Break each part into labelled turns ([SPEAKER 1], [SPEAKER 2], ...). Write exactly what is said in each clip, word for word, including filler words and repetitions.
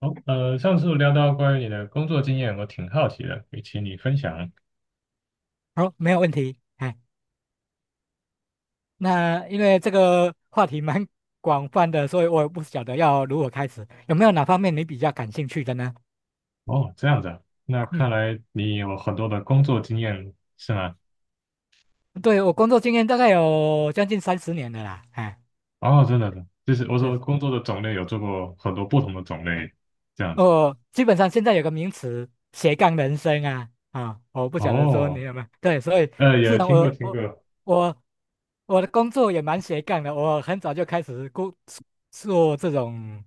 [SPEAKER 1] 好，呃，上次聊到关于你的工作经验，我挺好奇的，也请你分享。
[SPEAKER 2] 好，没有问题。哎，那因为这个话题蛮 广泛的，所以我也不晓得要如何开始。有没有哪方面你比较感兴趣的呢？
[SPEAKER 1] 哦，这样子啊，那
[SPEAKER 2] 嗯，
[SPEAKER 1] 看来你有很多的工作经验，是吗？
[SPEAKER 2] 对，我工作经验大概有将近三十年了啦。哎，
[SPEAKER 1] 哦，真的的，就是我
[SPEAKER 2] 是，
[SPEAKER 1] 说工作的种类有做过很多不同的种类，这样子。
[SPEAKER 2] 我基本上现在有个名词斜杠人生啊啊，我不晓得说你
[SPEAKER 1] 哦，
[SPEAKER 2] 有没有对，所以
[SPEAKER 1] 呃，
[SPEAKER 2] 是
[SPEAKER 1] 也
[SPEAKER 2] 啊，
[SPEAKER 1] 听过
[SPEAKER 2] 我
[SPEAKER 1] 听
[SPEAKER 2] 我
[SPEAKER 1] 过。
[SPEAKER 2] 我我的工作也蛮斜杠的，我很早就开始工做这种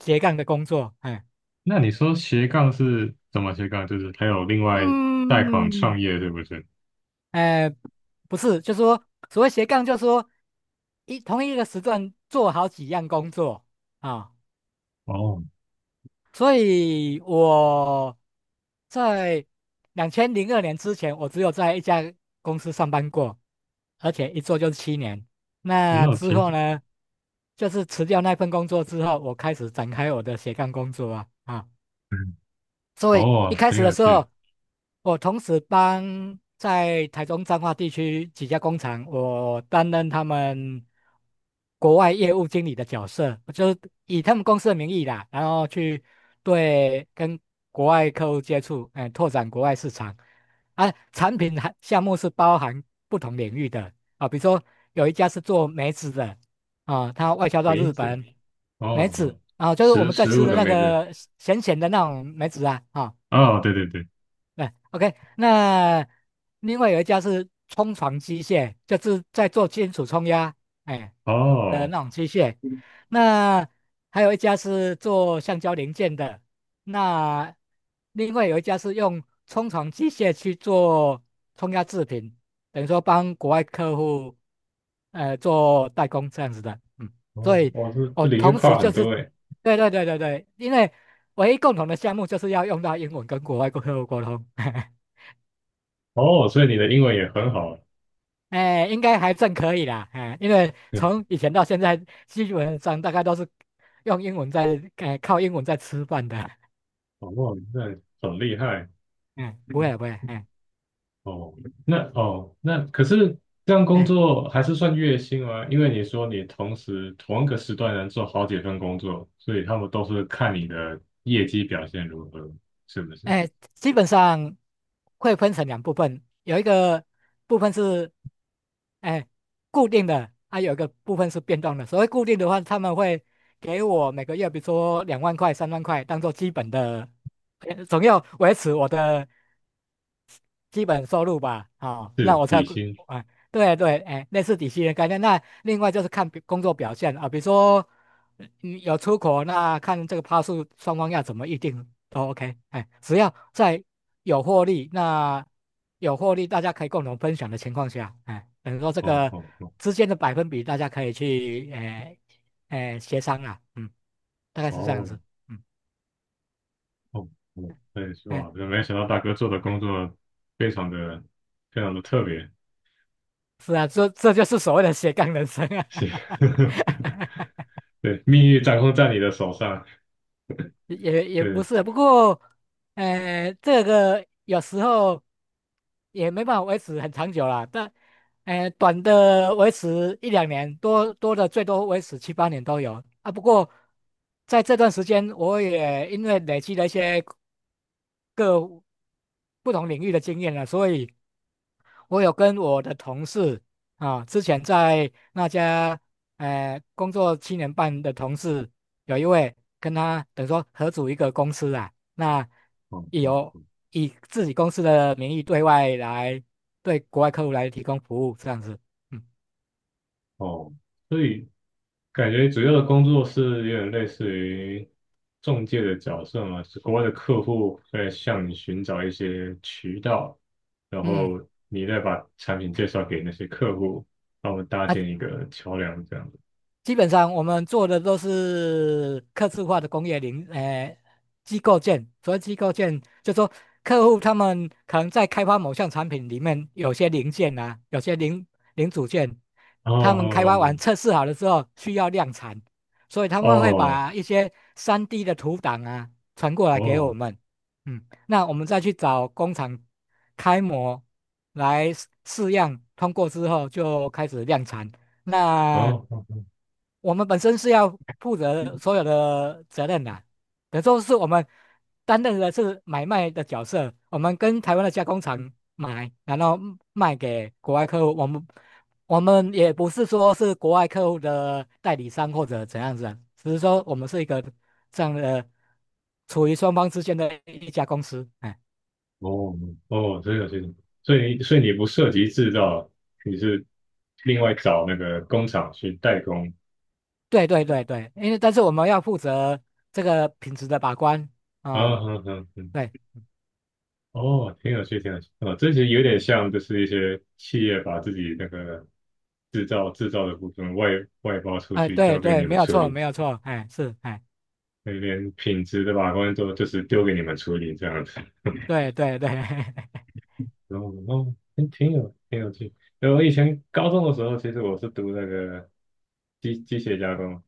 [SPEAKER 2] 斜杠的工作。哎，
[SPEAKER 1] 那你说斜杠是怎么斜杠？就是还有另外贷款创
[SPEAKER 2] 嗯。
[SPEAKER 1] 业，对不对？
[SPEAKER 2] 哎、不是，就说所谓斜杠，就说一同一个时段做好几样工作啊、
[SPEAKER 1] 哦，
[SPEAKER 2] 所以我在两千零二年之前，我只有在一家公司上班过，而且一做就是七年。那
[SPEAKER 1] 那我
[SPEAKER 2] 之
[SPEAKER 1] 挺，
[SPEAKER 2] 后呢，就是辞掉那份工作之后，我开始展开我的斜杠工作啊啊。
[SPEAKER 1] 嗯，
[SPEAKER 2] 所以一
[SPEAKER 1] 哦，
[SPEAKER 2] 开
[SPEAKER 1] 很
[SPEAKER 2] 始的
[SPEAKER 1] 有
[SPEAKER 2] 时
[SPEAKER 1] 趣。
[SPEAKER 2] 候，我同时帮在台中彰化地区几家工厂，我担任他们国外业务经理的角色，我就是以他们公司的名义啦，然后去对跟国外客户接触，哎，拓展国外市场。啊，产品还项目是包含不同领域的啊，比如说有一家是做梅子的，啊，它外销到
[SPEAKER 1] 梅
[SPEAKER 2] 日
[SPEAKER 1] 子，
[SPEAKER 2] 本，
[SPEAKER 1] 哦，
[SPEAKER 2] 梅
[SPEAKER 1] 哦
[SPEAKER 2] 子啊，就是我
[SPEAKER 1] 食
[SPEAKER 2] 们在
[SPEAKER 1] 食
[SPEAKER 2] 吃
[SPEAKER 1] 物
[SPEAKER 2] 的
[SPEAKER 1] 的
[SPEAKER 2] 那
[SPEAKER 1] 梅子。
[SPEAKER 2] 个咸咸的那种梅子啊，啊、
[SPEAKER 1] 哦，对对对。
[SPEAKER 2] 对，OK,那另外有一家是冲床机械，就是在做金属冲压，哎，呃，
[SPEAKER 1] 哦，
[SPEAKER 2] 那种机械。那还有一家是做橡胶零件的，那另外有一家是用冲床机械去做冲压制品，等于说帮国外客户，呃，做代工这样子的，嗯，所
[SPEAKER 1] 哦，
[SPEAKER 2] 以
[SPEAKER 1] 哦，这
[SPEAKER 2] 我
[SPEAKER 1] 这领域
[SPEAKER 2] 同时
[SPEAKER 1] 跨
[SPEAKER 2] 就
[SPEAKER 1] 很
[SPEAKER 2] 是，
[SPEAKER 1] 多诶。
[SPEAKER 2] 对对对对对，因为唯一共同的项目就是要用到英文跟国外客户沟通。
[SPEAKER 1] 哦，所以你的英文也很好，
[SPEAKER 2] 哎，应该还算可以啦，哎，因为
[SPEAKER 1] 嗯，
[SPEAKER 2] 从以前到现在，基本上大概都是用英文在，哎，靠英文在吃饭的，
[SPEAKER 1] 哦，哇，那很厉害
[SPEAKER 2] 嗯，不会啊不会啊，嗯
[SPEAKER 1] 哦。那哦，那可是这样工
[SPEAKER 2] 哎。
[SPEAKER 1] 作还是算月薪吗？因为你说你同时同一个时段能做好几份工作，所以他们都是看你的业绩表现如何，是不是？
[SPEAKER 2] 哎，基本上会分成两部分，有一个部分是哎固定的，还、有一个部分是变动的。所谓固定的话，他们会给我每个月，比如说两万块、三万块，当做基本的，呃总要维持我的基本收入吧，好、那
[SPEAKER 1] 是
[SPEAKER 2] 我才
[SPEAKER 1] 底
[SPEAKER 2] 估
[SPEAKER 1] 薪。
[SPEAKER 2] 啊，对对，哎，类似底薪的概念。那另外就是看表工作表现啊，比如说你有出口，那看这个趴数双方要怎么预定都 OK,哎，只要在有获利，那有获利大家可以共同分享的情况下，哎，等于说这
[SPEAKER 1] 哦
[SPEAKER 2] 个
[SPEAKER 1] 哦哦
[SPEAKER 2] 之间的百分比大家可以去哎哎协商啊，嗯，大概是这样
[SPEAKER 1] 哦
[SPEAKER 2] 子，嗯，
[SPEAKER 1] 哦哦，对，
[SPEAKER 2] 哎，
[SPEAKER 1] 哇，真没想到大哥做的工作非常的非常的特别，
[SPEAKER 2] 是啊，这这就是所谓的斜杠人生啊。
[SPEAKER 1] 是。对，命运掌控在你的手上。
[SPEAKER 2] 也也不
[SPEAKER 1] 对，
[SPEAKER 2] 是，不过，呃，这个有时候也没办法维持很长久啦。但，呃，短的维持一两年，多多的最多维持七八年都有啊。不过，在这段时间，我也因为累积了一些各不同领域的经验了，所以我有跟我的同事啊，之前在那家呃工作七年半的同事，有一位跟他等于说合组一个公司啊，那
[SPEAKER 1] 哦
[SPEAKER 2] 也
[SPEAKER 1] 哦
[SPEAKER 2] 有以自己公司的名义对外来对国外客户来提供服务这样子，嗯
[SPEAKER 1] 哦，所以感觉主要的工作是有点类似于中介的角色嘛，是国外的客户在向你寻找一些渠道，然
[SPEAKER 2] 嗯。
[SPEAKER 1] 后你再把产品介绍给那些客户，帮我们搭建
[SPEAKER 2] 那
[SPEAKER 1] 一个桥梁这样子。
[SPEAKER 2] 基本上我们做的都是客制化的工业零，呃，机构件。所谓机构件，就说客户他们可能在开发某项产品里面，有些零件啊，有些零零组件，
[SPEAKER 1] 哦
[SPEAKER 2] 他们开发
[SPEAKER 1] 哦
[SPEAKER 2] 完测试好了之后需要量产，所以他们会
[SPEAKER 1] 哦
[SPEAKER 2] 把一些 三 D 的图档啊传过来给我
[SPEAKER 1] 哦
[SPEAKER 2] 们，嗯，那我们再去找工厂开模来试试样，通过之后就开始量产。那
[SPEAKER 1] 哦哦
[SPEAKER 2] 我们本身是要负责所有的责任的，等于说是我们担任的是买卖的角色，我们跟台湾的加工厂买，然后卖给国外客户，我们我们也不是说是国外客户的代理商或者怎样子啊，只是说我们是一个这样的处于双方之间的一家公司，哎，
[SPEAKER 1] 哦哦，这个这个，所以所以你不涉及制造，你是另外找那个工厂去代工
[SPEAKER 2] 对对对对，因为但是我们要负责这个品质的把关啊。
[SPEAKER 1] 啊，
[SPEAKER 2] 哦
[SPEAKER 1] 哼哼哼，
[SPEAKER 2] 对，
[SPEAKER 1] 哦，挺有趣，挺有趣。哦，这其有点像，就是一些企业把自己那个制造制造的部分外外包出
[SPEAKER 2] 哎，
[SPEAKER 1] 去，
[SPEAKER 2] 对
[SPEAKER 1] 交给
[SPEAKER 2] 对，
[SPEAKER 1] 你
[SPEAKER 2] 没
[SPEAKER 1] 们
[SPEAKER 2] 有
[SPEAKER 1] 处
[SPEAKER 2] 错，
[SPEAKER 1] 理，
[SPEAKER 2] 没有错，哎，是，哎。
[SPEAKER 1] 那边品质的把关都就是丢给你们处理这样子。
[SPEAKER 2] 对对对，
[SPEAKER 1] 然后，哦，挺挺有挺有趣。因为我以前高中的时候，其实我是读那个机机械加工，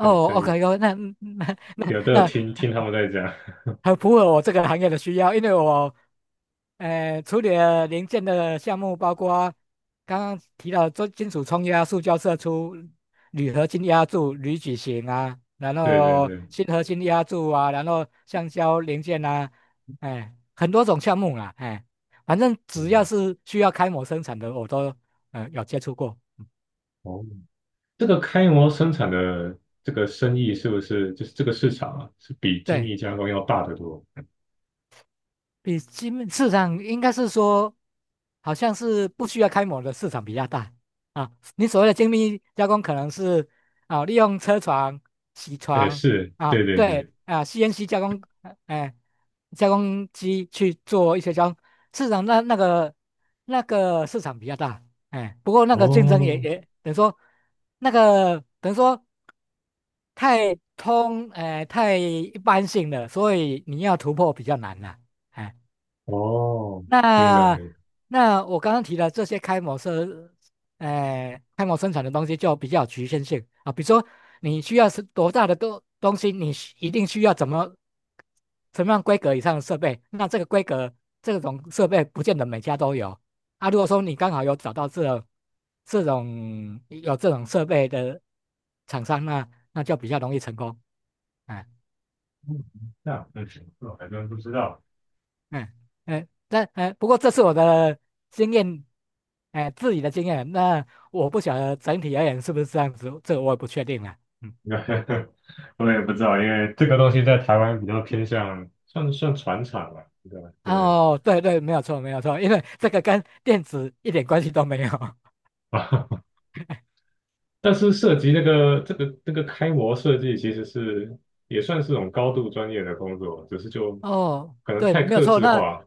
[SPEAKER 1] 对，所以
[SPEAKER 2] ，OK OK,那那
[SPEAKER 1] 有都有
[SPEAKER 2] 那
[SPEAKER 1] 听听他们在讲。
[SPEAKER 2] 很符合我这个行业的需要，因为我，呃，处理了零件的项目包括刚刚提到做金属冲压、塑胶射出、铝合金压铸、铝矩形啊，然
[SPEAKER 1] 对对
[SPEAKER 2] 后
[SPEAKER 1] 对，
[SPEAKER 2] 锌合金压铸啊，然后橡胶零件啊，哎，很多种项目啦，哎，反正只要
[SPEAKER 1] 嗯，
[SPEAKER 2] 是需要开模生产的，我都呃有接触过，
[SPEAKER 1] 哦。这个开模生产的这个生意是不是就是这个市场啊，是比精密
[SPEAKER 2] 对。
[SPEAKER 1] 加工要大得多？
[SPEAKER 2] 比基本市场应该是说，好像是不需要开模的市场比较大啊。你所谓的精密加工，可能是啊利用车床、铣
[SPEAKER 1] 哎，
[SPEAKER 2] 床
[SPEAKER 1] 是，
[SPEAKER 2] 啊，
[SPEAKER 1] 对对对，
[SPEAKER 2] 对啊 C N C 加工，呃哎、加工机去做一些加工。市场那那个那个市场比较大，哎，不过那个竞争也
[SPEAKER 1] 哦
[SPEAKER 2] 也等于说那个等于说太通，哎、太一般性了，所以你要突破比较难了。哎
[SPEAKER 1] 哦，明白
[SPEAKER 2] 那
[SPEAKER 1] 明白，
[SPEAKER 2] 那我刚刚提的这些开模生，呃，开模生产的东西就比较有局限性啊。比如说，你需要是多大的东东西，你需一定需要怎么什么样规格以上的设备。那这个规格这种设备不见得每家都有啊。如果说你刚好有找到这种这种有这种设备的厂商，那那就比较容易成功。哎
[SPEAKER 1] 嗯这样，嗯，我还真不知道，
[SPEAKER 2] 嗯嗯，那哎，不过这是我的经验，哎，自己的经验。那我不晓得整体而言是不是这样子，这个我也不确定了。嗯，
[SPEAKER 1] 我也不知道，因为这个东西在台湾比较偏向算算船厂吧，对吧？对
[SPEAKER 2] 哦，对对，没有错，没有错，因为这个跟电子一点关系都没有。
[SPEAKER 1] 但是涉及那个这个这个开模设计，其实是也算是种高度专业的工作，只是就
[SPEAKER 2] 哦，
[SPEAKER 1] 可能
[SPEAKER 2] 对，
[SPEAKER 1] 太
[SPEAKER 2] 没有
[SPEAKER 1] 克
[SPEAKER 2] 错。
[SPEAKER 1] 制
[SPEAKER 2] 那
[SPEAKER 1] 化。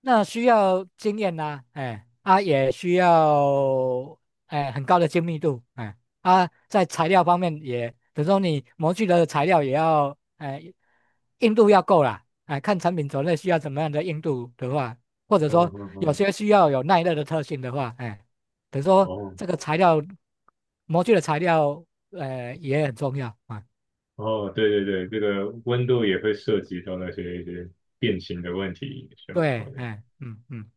[SPEAKER 2] 那需要经验呐、哎，啊也需要哎很高的精密度，哎啊在材料方面也，等如说你模具的材料也要哎硬度要够啦，哎看产品种类需要怎么样的硬度的话，或者
[SPEAKER 1] 嗯
[SPEAKER 2] 说
[SPEAKER 1] 嗯
[SPEAKER 2] 有
[SPEAKER 1] 嗯，
[SPEAKER 2] 些需要有耐热的特性的话，哎，等如说
[SPEAKER 1] 哦
[SPEAKER 2] 这个材料模具的材料，呃也很重要啊，
[SPEAKER 1] 哦，对对对，这个温度也会涉及到那些一些变形的问题需要考
[SPEAKER 2] 对，
[SPEAKER 1] 量。
[SPEAKER 2] 哎嗯嗯。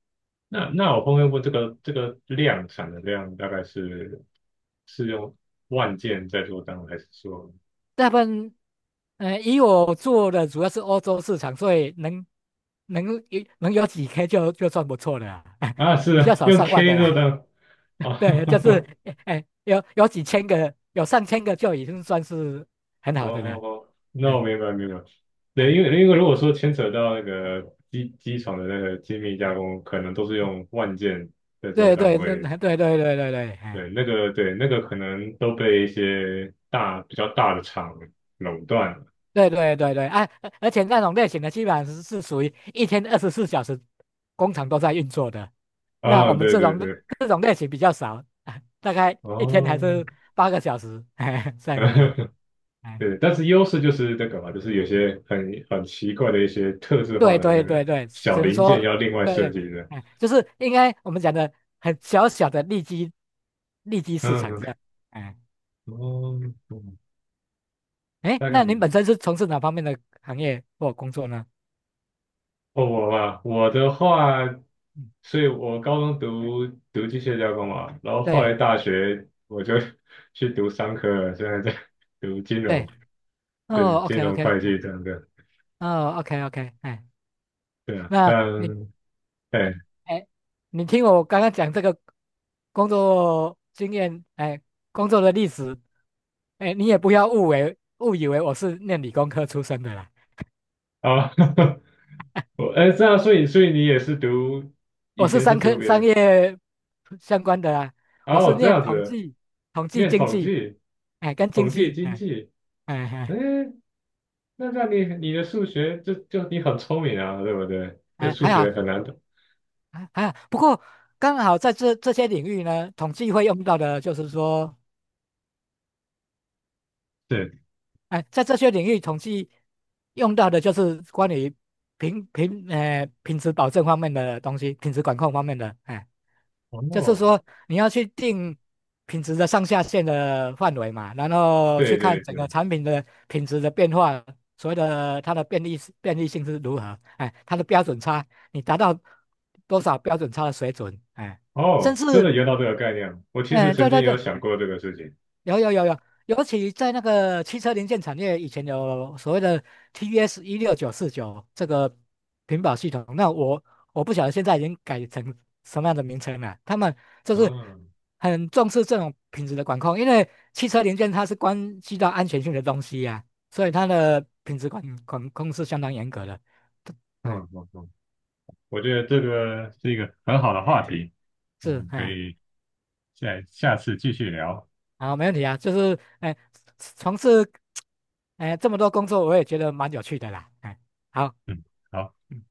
[SPEAKER 1] 那那我后面问这个这个量产的量大概是是用万件在做单位，还是说
[SPEAKER 2] 大部分，呃，以我做的主要是欧洲市场，所以能能有能有几 K 就就算不错了啊，
[SPEAKER 1] 啊 是
[SPEAKER 2] 比较
[SPEAKER 1] 啊
[SPEAKER 2] 少
[SPEAKER 1] 用
[SPEAKER 2] 上万的
[SPEAKER 1] K 做
[SPEAKER 2] 啦。
[SPEAKER 1] 单位？
[SPEAKER 2] 对，就是
[SPEAKER 1] 哦
[SPEAKER 2] 哎、哎有有几千个，有上千个就已经算是很
[SPEAKER 1] 哦
[SPEAKER 2] 好的
[SPEAKER 1] 哦
[SPEAKER 2] 了。
[SPEAKER 1] 哦，那我
[SPEAKER 2] 哎
[SPEAKER 1] 明白明白。对，
[SPEAKER 2] 哎，
[SPEAKER 1] 因为因为如果说牵扯到那个机机床的那个精密加工，可能都是
[SPEAKER 2] 嗯
[SPEAKER 1] 用万件在做
[SPEAKER 2] 对
[SPEAKER 1] 单
[SPEAKER 2] 对对
[SPEAKER 1] 位，
[SPEAKER 2] 对对对对对，哎。
[SPEAKER 1] 对，那个对那个可能都被一些大比较大的厂垄断了
[SPEAKER 2] 对对对对，哎，而而且那种类型的基本上是是属于一天二十四小时工厂都在运作的，那
[SPEAKER 1] 啊，
[SPEAKER 2] 我们
[SPEAKER 1] 对
[SPEAKER 2] 这
[SPEAKER 1] 对
[SPEAKER 2] 种
[SPEAKER 1] 对，
[SPEAKER 2] 这种类型比较少，大概一天
[SPEAKER 1] 哦，
[SPEAKER 2] 还是八个小时，哎这样子的。哎，
[SPEAKER 1] 对，但是优势就是那个嘛，就是有些很很奇怪的一些特制化
[SPEAKER 2] 对
[SPEAKER 1] 的那
[SPEAKER 2] 对对
[SPEAKER 1] 个
[SPEAKER 2] 对，
[SPEAKER 1] 小
[SPEAKER 2] 只能
[SPEAKER 1] 零件
[SPEAKER 2] 说
[SPEAKER 1] 要另外
[SPEAKER 2] 对
[SPEAKER 1] 设
[SPEAKER 2] 对，
[SPEAKER 1] 计的，
[SPEAKER 2] 哎，就是应该我们讲的很小小的利基利基市
[SPEAKER 1] 嗯
[SPEAKER 2] 场这
[SPEAKER 1] 哼，
[SPEAKER 2] 样。哎
[SPEAKER 1] 哦，嗯
[SPEAKER 2] 哎，
[SPEAKER 1] 大概
[SPEAKER 2] 那
[SPEAKER 1] 明
[SPEAKER 2] 您
[SPEAKER 1] 白
[SPEAKER 2] 本身是从事哪方面的行业或工作呢？
[SPEAKER 1] 哦，我嘛，我的话，
[SPEAKER 2] 嗯，
[SPEAKER 1] 所以我高中读读机械加工嘛，然后后
[SPEAKER 2] 对
[SPEAKER 1] 来大学我就 去读商科了，现在在 读金
[SPEAKER 2] 对，
[SPEAKER 1] 融，对，
[SPEAKER 2] 哦
[SPEAKER 1] 金
[SPEAKER 2] ，OK
[SPEAKER 1] 融
[SPEAKER 2] OK,
[SPEAKER 1] 会
[SPEAKER 2] 哎，
[SPEAKER 1] 计这样的。
[SPEAKER 2] 哦，OK OK,哎。
[SPEAKER 1] 对啊，
[SPEAKER 2] 那
[SPEAKER 1] 但
[SPEAKER 2] 你，哎
[SPEAKER 1] 哎
[SPEAKER 2] 哎，你听我刚刚讲这个工作经验，哎，工作的历史，哎，你也不要误为误以为我是念理工科出身的啦，
[SPEAKER 1] 啊，我哎这样，所以所以你也是读以
[SPEAKER 2] 我是
[SPEAKER 1] 前是
[SPEAKER 2] 商
[SPEAKER 1] 读
[SPEAKER 2] 科
[SPEAKER 1] 别
[SPEAKER 2] 商
[SPEAKER 1] 的
[SPEAKER 2] 业相关的啦，我是
[SPEAKER 1] 哦，这
[SPEAKER 2] 念
[SPEAKER 1] 样
[SPEAKER 2] 统
[SPEAKER 1] 子
[SPEAKER 2] 计、统计
[SPEAKER 1] 念
[SPEAKER 2] 经
[SPEAKER 1] 统
[SPEAKER 2] 济，
[SPEAKER 1] 计、
[SPEAKER 2] 哎，跟经
[SPEAKER 1] 统计
[SPEAKER 2] 济，
[SPEAKER 1] 经
[SPEAKER 2] 哎
[SPEAKER 1] 济，
[SPEAKER 2] 哎
[SPEAKER 1] 哎，
[SPEAKER 2] 哎
[SPEAKER 1] 那这样你你的数学就就你很聪明啊，对不对？这
[SPEAKER 2] 哎，
[SPEAKER 1] 数
[SPEAKER 2] 还
[SPEAKER 1] 学
[SPEAKER 2] 好
[SPEAKER 1] 很难的，
[SPEAKER 2] 还还好，不过刚好在这这些领域呢，统计会用到的就是说。
[SPEAKER 1] 对，
[SPEAKER 2] 哎，在这些领域，统计用到的就是关于品品呃品质保证方面的东西，品质管控方面的，哎，就是
[SPEAKER 1] 哦，
[SPEAKER 2] 说你要去定品质的上下限的范围嘛，然后去
[SPEAKER 1] 对
[SPEAKER 2] 看
[SPEAKER 1] 对
[SPEAKER 2] 整
[SPEAKER 1] 对，
[SPEAKER 2] 个产品的品质的变化，所谓的它的便利便利性是如何，哎，它的标准差，你达到多少标准差的水准，哎，甚
[SPEAKER 1] 哦，真
[SPEAKER 2] 至，
[SPEAKER 1] 的有到这个概念，我其实
[SPEAKER 2] 哎，
[SPEAKER 1] 曾
[SPEAKER 2] 对
[SPEAKER 1] 经
[SPEAKER 2] 对
[SPEAKER 1] 有
[SPEAKER 2] 对，
[SPEAKER 1] 想过这个事情，
[SPEAKER 2] 有有有有，尤其在那个汽车零件产业，以前有所谓的 T S 一六九四九这个屏保系统，那我我不晓得现在已经改成什么样的名称了。他们就是
[SPEAKER 1] 嗯
[SPEAKER 2] 很重视这种品质的管控，因为汽车零件它是关系到安全性的东西呀、所以它的品质管管控是相当严格的。哎，
[SPEAKER 1] 嗯嗯嗯，我觉得这个是一个很好的话题，我
[SPEAKER 2] 是
[SPEAKER 1] 们可
[SPEAKER 2] 哎，
[SPEAKER 1] 以。再下次继续聊。
[SPEAKER 2] 好，没问题啊，就是哎，从事哎这么多工作，我也觉得蛮有趣的啦。哎，好。
[SPEAKER 1] 嗯，好。
[SPEAKER 2] 嗯